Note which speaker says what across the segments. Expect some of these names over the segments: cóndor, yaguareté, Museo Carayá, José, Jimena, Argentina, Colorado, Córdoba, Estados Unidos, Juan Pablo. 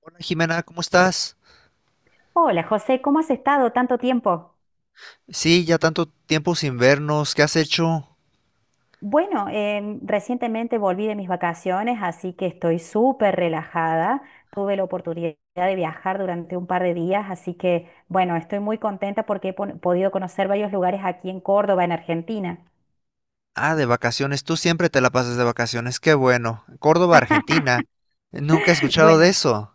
Speaker 1: Hola, Jimena, ¿cómo estás?
Speaker 2: Hola José, ¿cómo has estado tanto tiempo?
Speaker 1: Sí, ya tanto tiempo sin vernos, ¿qué has hecho?
Speaker 2: Bueno, recientemente volví de mis vacaciones, así que estoy súper relajada. Tuve la oportunidad de viajar durante un par de días, así que bueno, estoy muy contenta porque podido conocer varios lugares aquí en Córdoba, en Argentina.
Speaker 1: Ah, de vacaciones, tú siempre te la pasas de vacaciones, qué bueno. Córdoba, Argentina, nunca he escuchado de
Speaker 2: Bueno,
Speaker 1: eso.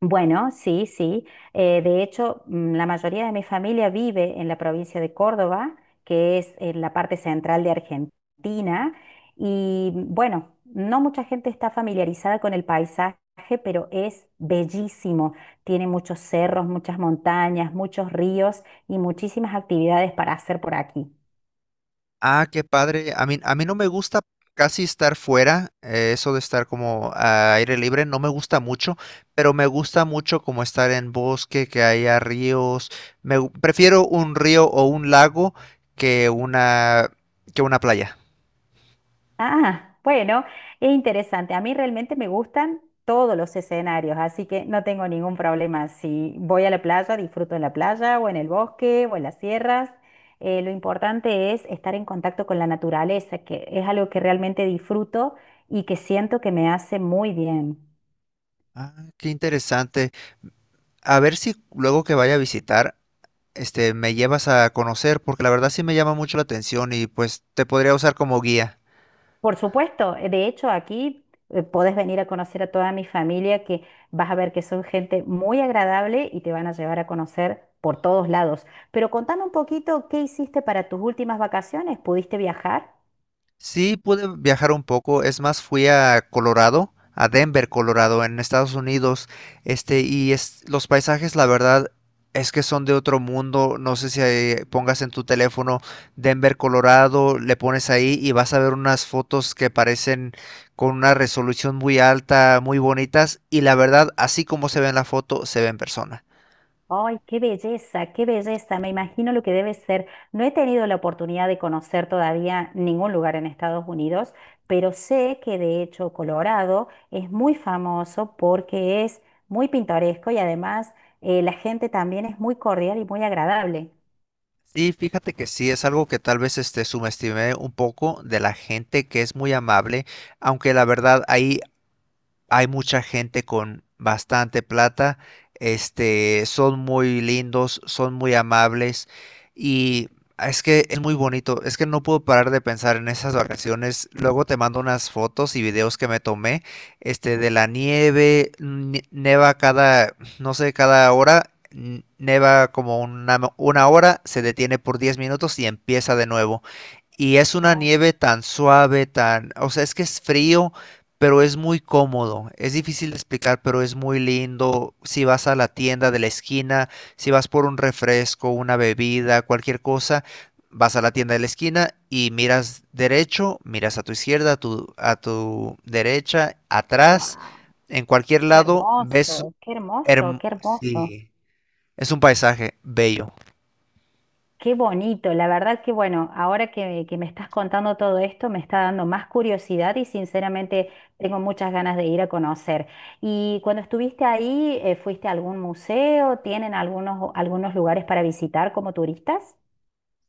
Speaker 2: Bueno, sí, sí. De hecho, la mayoría de mi familia vive en la provincia de Córdoba, que es en la parte central de Argentina. Y bueno, no mucha gente está familiarizada con el paisaje, pero es bellísimo. Tiene muchos cerros, muchas montañas, muchos ríos y muchísimas actividades para hacer por aquí.
Speaker 1: Ah, qué padre, a mí no me gusta casi estar fuera, eso de estar como a aire libre, no me gusta mucho, pero me gusta mucho como estar en bosque, que haya ríos. Prefiero un río o un lago que una, que una playa.
Speaker 2: Ah, bueno, es interesante. A mí realmente me gustan todos los escenarios, así que no tengo ningún problema. Si voy a la playa, disfruto en la playa o en el bosque o en las sierras. Lo importante es estar en contacto con la naturaleza, que es algo que realmente disfruto y que siento que me hace muy bien.
Speaker 1: Ah, qué interesante. A ver si luego que vaya a visitar, me llevas a conocer, porque la verdad sí me llama mucho la atención y pues te podría usar como guía.
Speaker 2: Por supuesto, de hecho aquí podés venir a conocer a toda mi familia que vas a ver que son gente muy agradable y te van a llevar a conocer por todos lados. Pero contame un poquito qué hiciste para tus últimas vacaciones, ¿pudiste viajar?
Speaker 1: Sí, pude viajar un poco, es más, fui a Colorado, a Denver, Colorado, en Estados Unidos, y es, los paisajes, la verdad, es que son de otro mundo, no sé si pongas en tu teléfono Denver, Colorado, le pones ahí y vas a ver unas fotos que parecen con una resolución muy alta, muy bonitas, y la verdad, así como se ve en la foto, se ve en persona.
Speaker 2: Ay, qué belleza, qué belleza. Me imagino lo que debe ser. No he tenido la oportunidad de conocer todavía ningún lugar en Estados Unidos, pero sé que de hecho Colorado es muy famoso porque es muy pintoresco y además la gente también es muy cordial y muy agradable.
Speaker 1: Sí, fíjate que sí, es algo que tal vez subestimé un poco de la gente que es muy amable, aunque la verdad ahí hay mucha gente con bastante plata, son muy lindos, son muy amables y es que es muy bonito, es que no puedo parar de pensar en esas vacaciones. Luego te mando unas fotos y videos que me tomé, de la nieve, neva cada, no sé, cada hora. Neva como una hora, se detiene por 10 minutos y empieza de nuevo. Y es una
Speaker 2: Oh,
Speaker 1: nieve tan suave, tan, o sea, es que es frío, pero es muy cómodo. Es difícil de explicar, pero es muy lindo. Si vas a la tienda de la esquina, si vas por un refresco, una bebida, cualquier cosa, vas a la tienda de la esquina y miras derecho, miras a tu izquierda, a tu derecha, atrás,
Speaker 2: wow,
Speaker 1: en cualquier
Speaker 2: qué
Speaker 1: lado, ves
Speaker 2: hermoso, qué hermoso, qué hermoso.
Speaker 1: sí, es un paisaje bello.
Speaker 2: Qué bonito, la verdad que bueno, que me estás contando todo esto, me está dando más curiosidad y sinceramente tengo muchas ganas de ir a conocer. Y cuando estuviste ahí, ¿fuiste a algún museo? ¿Tienen algunos, algunos lugares para visitar como turistas?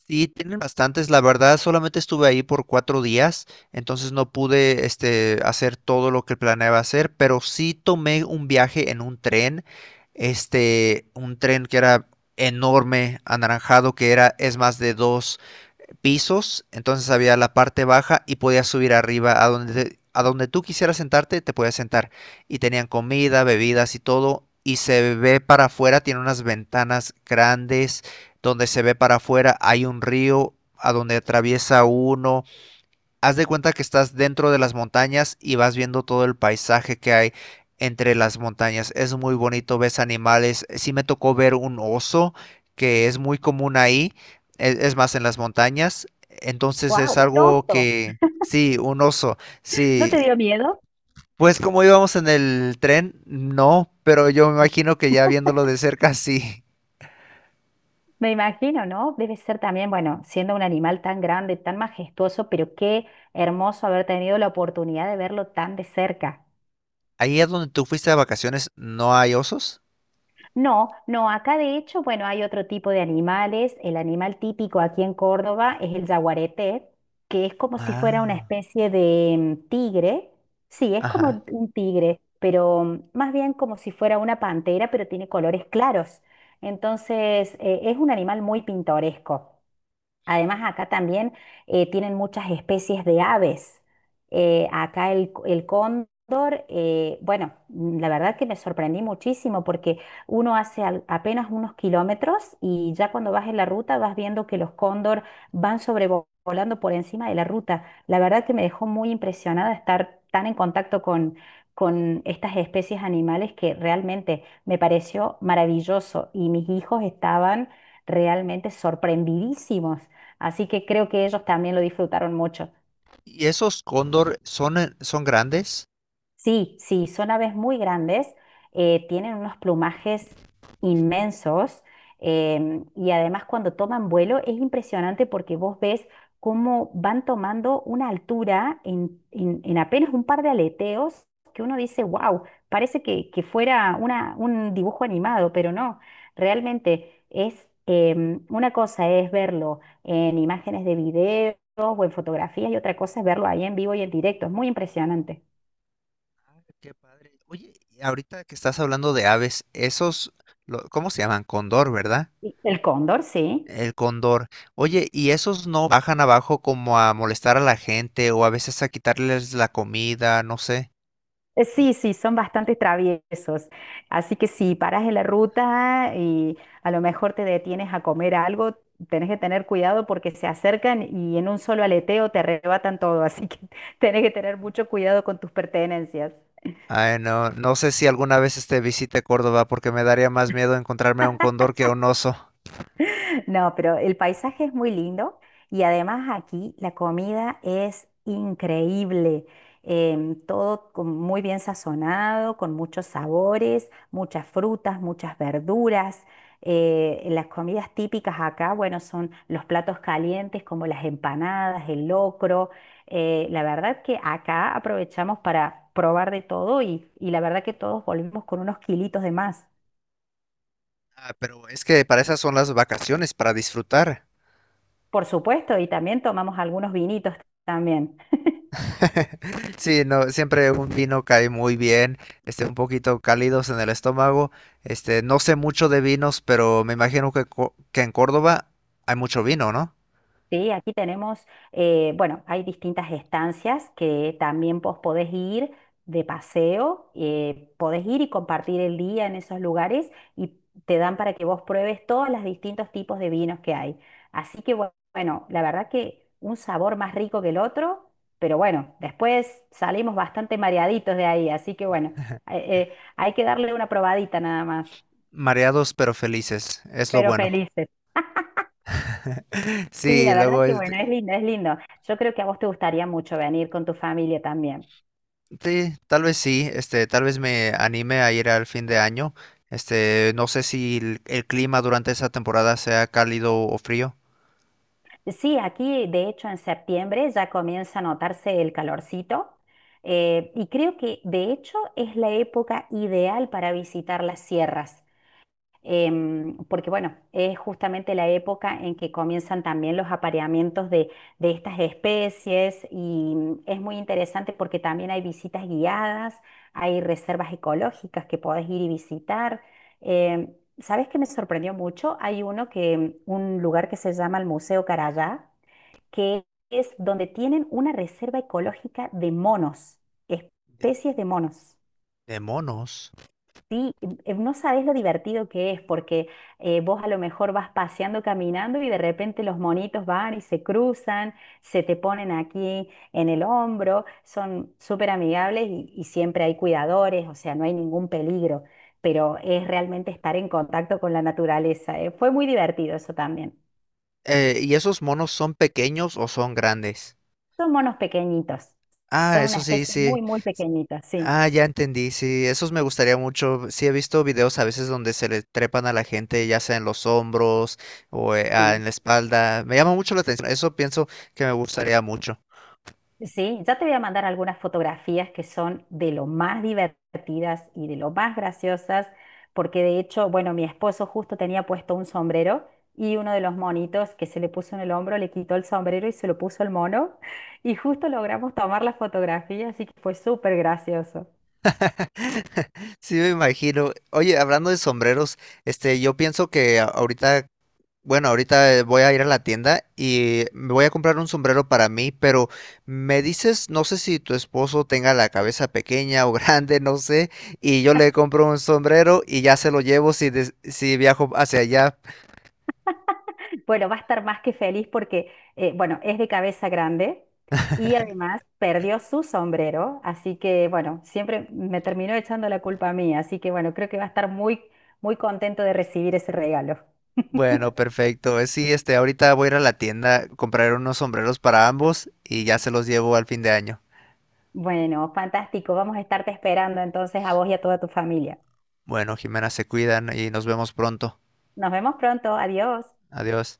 Speaker 1: Sí, tienen bastantes. La verdad, solamente estuve ahí por 4 días, entonces no pude, hacer todo lo que planeaba hacer, pero sí tomé un viaje en un tren, un tren que era enorme, anaranjado, que era, es más de dos pisos, entonces había la parte baja y podías subir arriba a donde, a donde tú quisieras sentarte, te podías sentar. Y tenían comida, bebidas y todo. Y se ve para afuera, tiene unas ventanas grandes donde se ve para afuera, hay un río a donde atraviesa uno. Haz de cuenta que estás dentro de las montañas y vas viendo todo el paisaje que hay entre las montañas. Es muy bonito, ves animales. Sí me tocó ver un oso, que es muy común ahí, es, más en las montañas. Entonces
Speaker 2: ¡Wow!
Speaker 1: es
Speaker 2: ¡Un
Speaker 1: algo
Speaker 2: oso!
Speaker 1: que, sí, un oso,
Speaker 2: ¿No te
Speaker 1: sí.
Speaker 2: dio miedo?
Speaker 1: Pues como íbamos en el tren, no, pero yo me imagino que ya viéndolo de cerca, sí.
Speaker 2: Me imagino, ¿no? Debe ser también, bueno, siendo un animal tan grande, tan majestuoso, pero qué hermoso haber tenido la oportunidad de verlo tan de cerca.
Speaker 1: Ahí es donde tú fuiste de vacaciones, ¿no hay osos?
Speaker 2: No, no, acá de hecho, bueno, hay otro tipo de animales. El animal típico aquí en Córdoba es el yaguareté, que es como si fuera una
Speaker 1: Ah,
Speaker 2: especie de tigre. Sí, es
Speaker 1: ajá.
Speaker 2: como un tigre, pero más bien como si fuera una pantera, pero tiene colores claros. Entonces, es un animal muy pintoresco. Además, acá también tienen muchas especies de aves. Acá el, c- El cóndor, bueno, la verdad que me sorprendí muchísimo porque uno apenas unos kilómetros y ya cuando vas en la ruta vas viendo que los cóndor van sobrevolando por encima de la ruta. La verdad que me dejó muy impresionada estar tan con estas especies animales que realmente me pareció maravilloso y mis hijos estaban realmente sorprendidísimos. Así que creo que ellos también lo disfrutaron mucho.
Speaker 1: Y esos cóndor son, son grandes.
Speaker 2: Sí, sí, son aves muy grandes, tienen unos plumajes inmensos, y además cuando toman vuelo es impresionante porque vos ves cómo van tomando una altura en apenas un par de aleteos que uno dice, wow, parece que fuera un dibujo animado, pero no, realmente es, una cosa es verlo en imágenes de videos o en fotografías y otra cosa es verlo ahí en vivo y en directo, es muy impresionante.
Speaker 1: Qué padre. Oye, y ahorita que estás hablando de aves, esos, ¿cómo se llaman? Cóndor, ¿verdad?
Speaker 2: Y el cóndor, sí.
Speaker 1: El cóndor. Oye, ¿y esos no bajan abajo como a molestar a la gente o a veces a quitarles la comida? No sé.
Speaker 2: Sí, sí, son bastante traviesos. Así que si paras en la ruta y a lo mejor te detienes a comer algo, tenés que tener cuidado porque se acercan y en un solo aleteo te arrebatan todo. Así que tenés que tener mucho cuidado con tus pertenencias.
Speaker 1: Ay, no, no sé si alguna vez visite Córdoba porque me daría más miedo encontrarme a un cóndor que a un oso.
Speaker 2: No, pero el paisaje es muy lindo y además aquí la comida es increíble. Muy bien sazonado, con muchos sabores, muchas frutas, muchas verduras. Las comidas típicas acá, bueno, son los platos calientes como las empanadas, el locro. La verdad que acá aprovechamos para probar de todo y la verdad que todos volvimos con unos kilitos de más.
Speaker 1: Ah, pero es que para esas son las vacaciones, para disfrutar.
Speaker 2: Por supuesto, y también tomamos algunos vinitos también.
Speaker 1: Sí, no, siempre un vino cae muy bien, un poquito cálidos en el estómago. No sé mucho de vinos, pero me imagino que en Córdoba hay mucho vino, ¿no?
Speaker 2: Sí, aquí tenemos, bueno, hay distintas estancias que también vos podés ir de paseo, podés ir y compartir el día en esos lugares y te dan para que vos pruebes todos los distintos tipos de vinos que hay. Así que bueno, la verdad que un sabor más rico que el otro, pero bueno, después salimos bastante mareaditos de ahí, así que bueno, eh, hay que darle una probadita nada más,
Speaker 1: Mareados pero felices, es lo
Speaker 2: pero
Speaker 1: bueno.
Speaker 2: felices. Sí,
Speaker 1: Sí,
Speaker 2: la verdad
Speaker 1: luego,
Speaker 2: que bueno, es lindo, es lindo. Yo creo que a vos te gustaría mucho venir con tu familia también.
Speaker 1: sí, tal vez sí, tal vez me anime a ir al fin de año. No sé si el clima durante esa temporada sea cálido o frío.
Speaker 2: Sí, aquí de hecho en septiembre ya comienza a notarse el calorcito, y creo que de hecho es la época ideal para visitar las sierras. Porque bueno, es justamente la época en que comienzan también los apareamientos de estas especies y es muy interesante porque también hay visitas guiadas, hay reservas ecológicas que podés ir y visitar. ¿Sabes qué me sorprendió mucho? Hay uno que, un lugar que se llama el Museo Carayá, que es donde tienen una reserva ecológica de monos, especies de monos.
Speaker 1: De monos.
Speaker 2: Sí, no sabes lo divertido que es, porque vos a lo mejor vas paseando, caminando y de repente los monitos van y se cruzan, se te ponen aquí en el hombro, son súper amigables y siempre hay cuidadores, o sea, no hay ningún peligro, pero es realmente estar en contacto con la naturaleza. Fue muy divertido eso también.
Speaker 1: ¿Y esos monos son pequeños o son grandes?
Speaker 2: Son monos pequeñitos,
Speaker 1: Ah,
Speaker 2: son una
Speaker 1: eso sí,
Speaker 2: especie muy,
Speaker 1: sí.
Speaker 2: muy pequeñita, sí,
Speaker 1: Ah, ya entendí, sí, esos me gustaría mucho. Sí, he visto videos a veces donde se le trepan a la gente, ya sea en los hombros o
Speaker 2: sí.
Speaker 1: en la espalda. Me llama mucho la atención, eso pienso que me gustaría mucho.
Speaker 2: Sí, ya te voy a mandar algunas fotografías que son de lo más divertidas y de lo más graciosas, porque de hecho, bueno, mi esposo justo tenía puesto un sombrero y uno de los monitos que se le puso en el hombro le quitó el sombrero y se lo puso el mono y justo logramos tomar la fotografía, así que fue súper gracioso.
Speaker 1: Sí, me imagino. Oye, hablando de sombreros, yo pienso que ahorita. Bueno, ahorita voy a ir a la tienda y me voy a comprar un sombrero para mí, pero me dices, no sé si tu esposo tenga la cabeza pequeña o grande, no sé, y yo le compro un sombrero y ya se lo llevo si viajo hacia allá.
Speaker 2: Bueno, va a estar más que feliz porque, bueno, es de cabeza grande y además perdió su sombrero, así que, bueno, siempre me terminó echando la culpa a mí, así que, bueno, creo que va a estar muy, muy contento de recibir ese regalo.
Speaker 1: Bueno, perfecto. Sí, ahorita voy a ir a la tienda, comprar unos sombreros para ambos y ya se los llevo al fin de año.
Speaker 2: Bueno, fantástico, vamos a estarte esperando entonces a vos y a toda tu familia.
Speaker 1: Bueno, Jimena, se cuidan y nos vemos pronto.
Speaker 2: Nos vemos pronto, adiós.
Speaker 1: Adiós.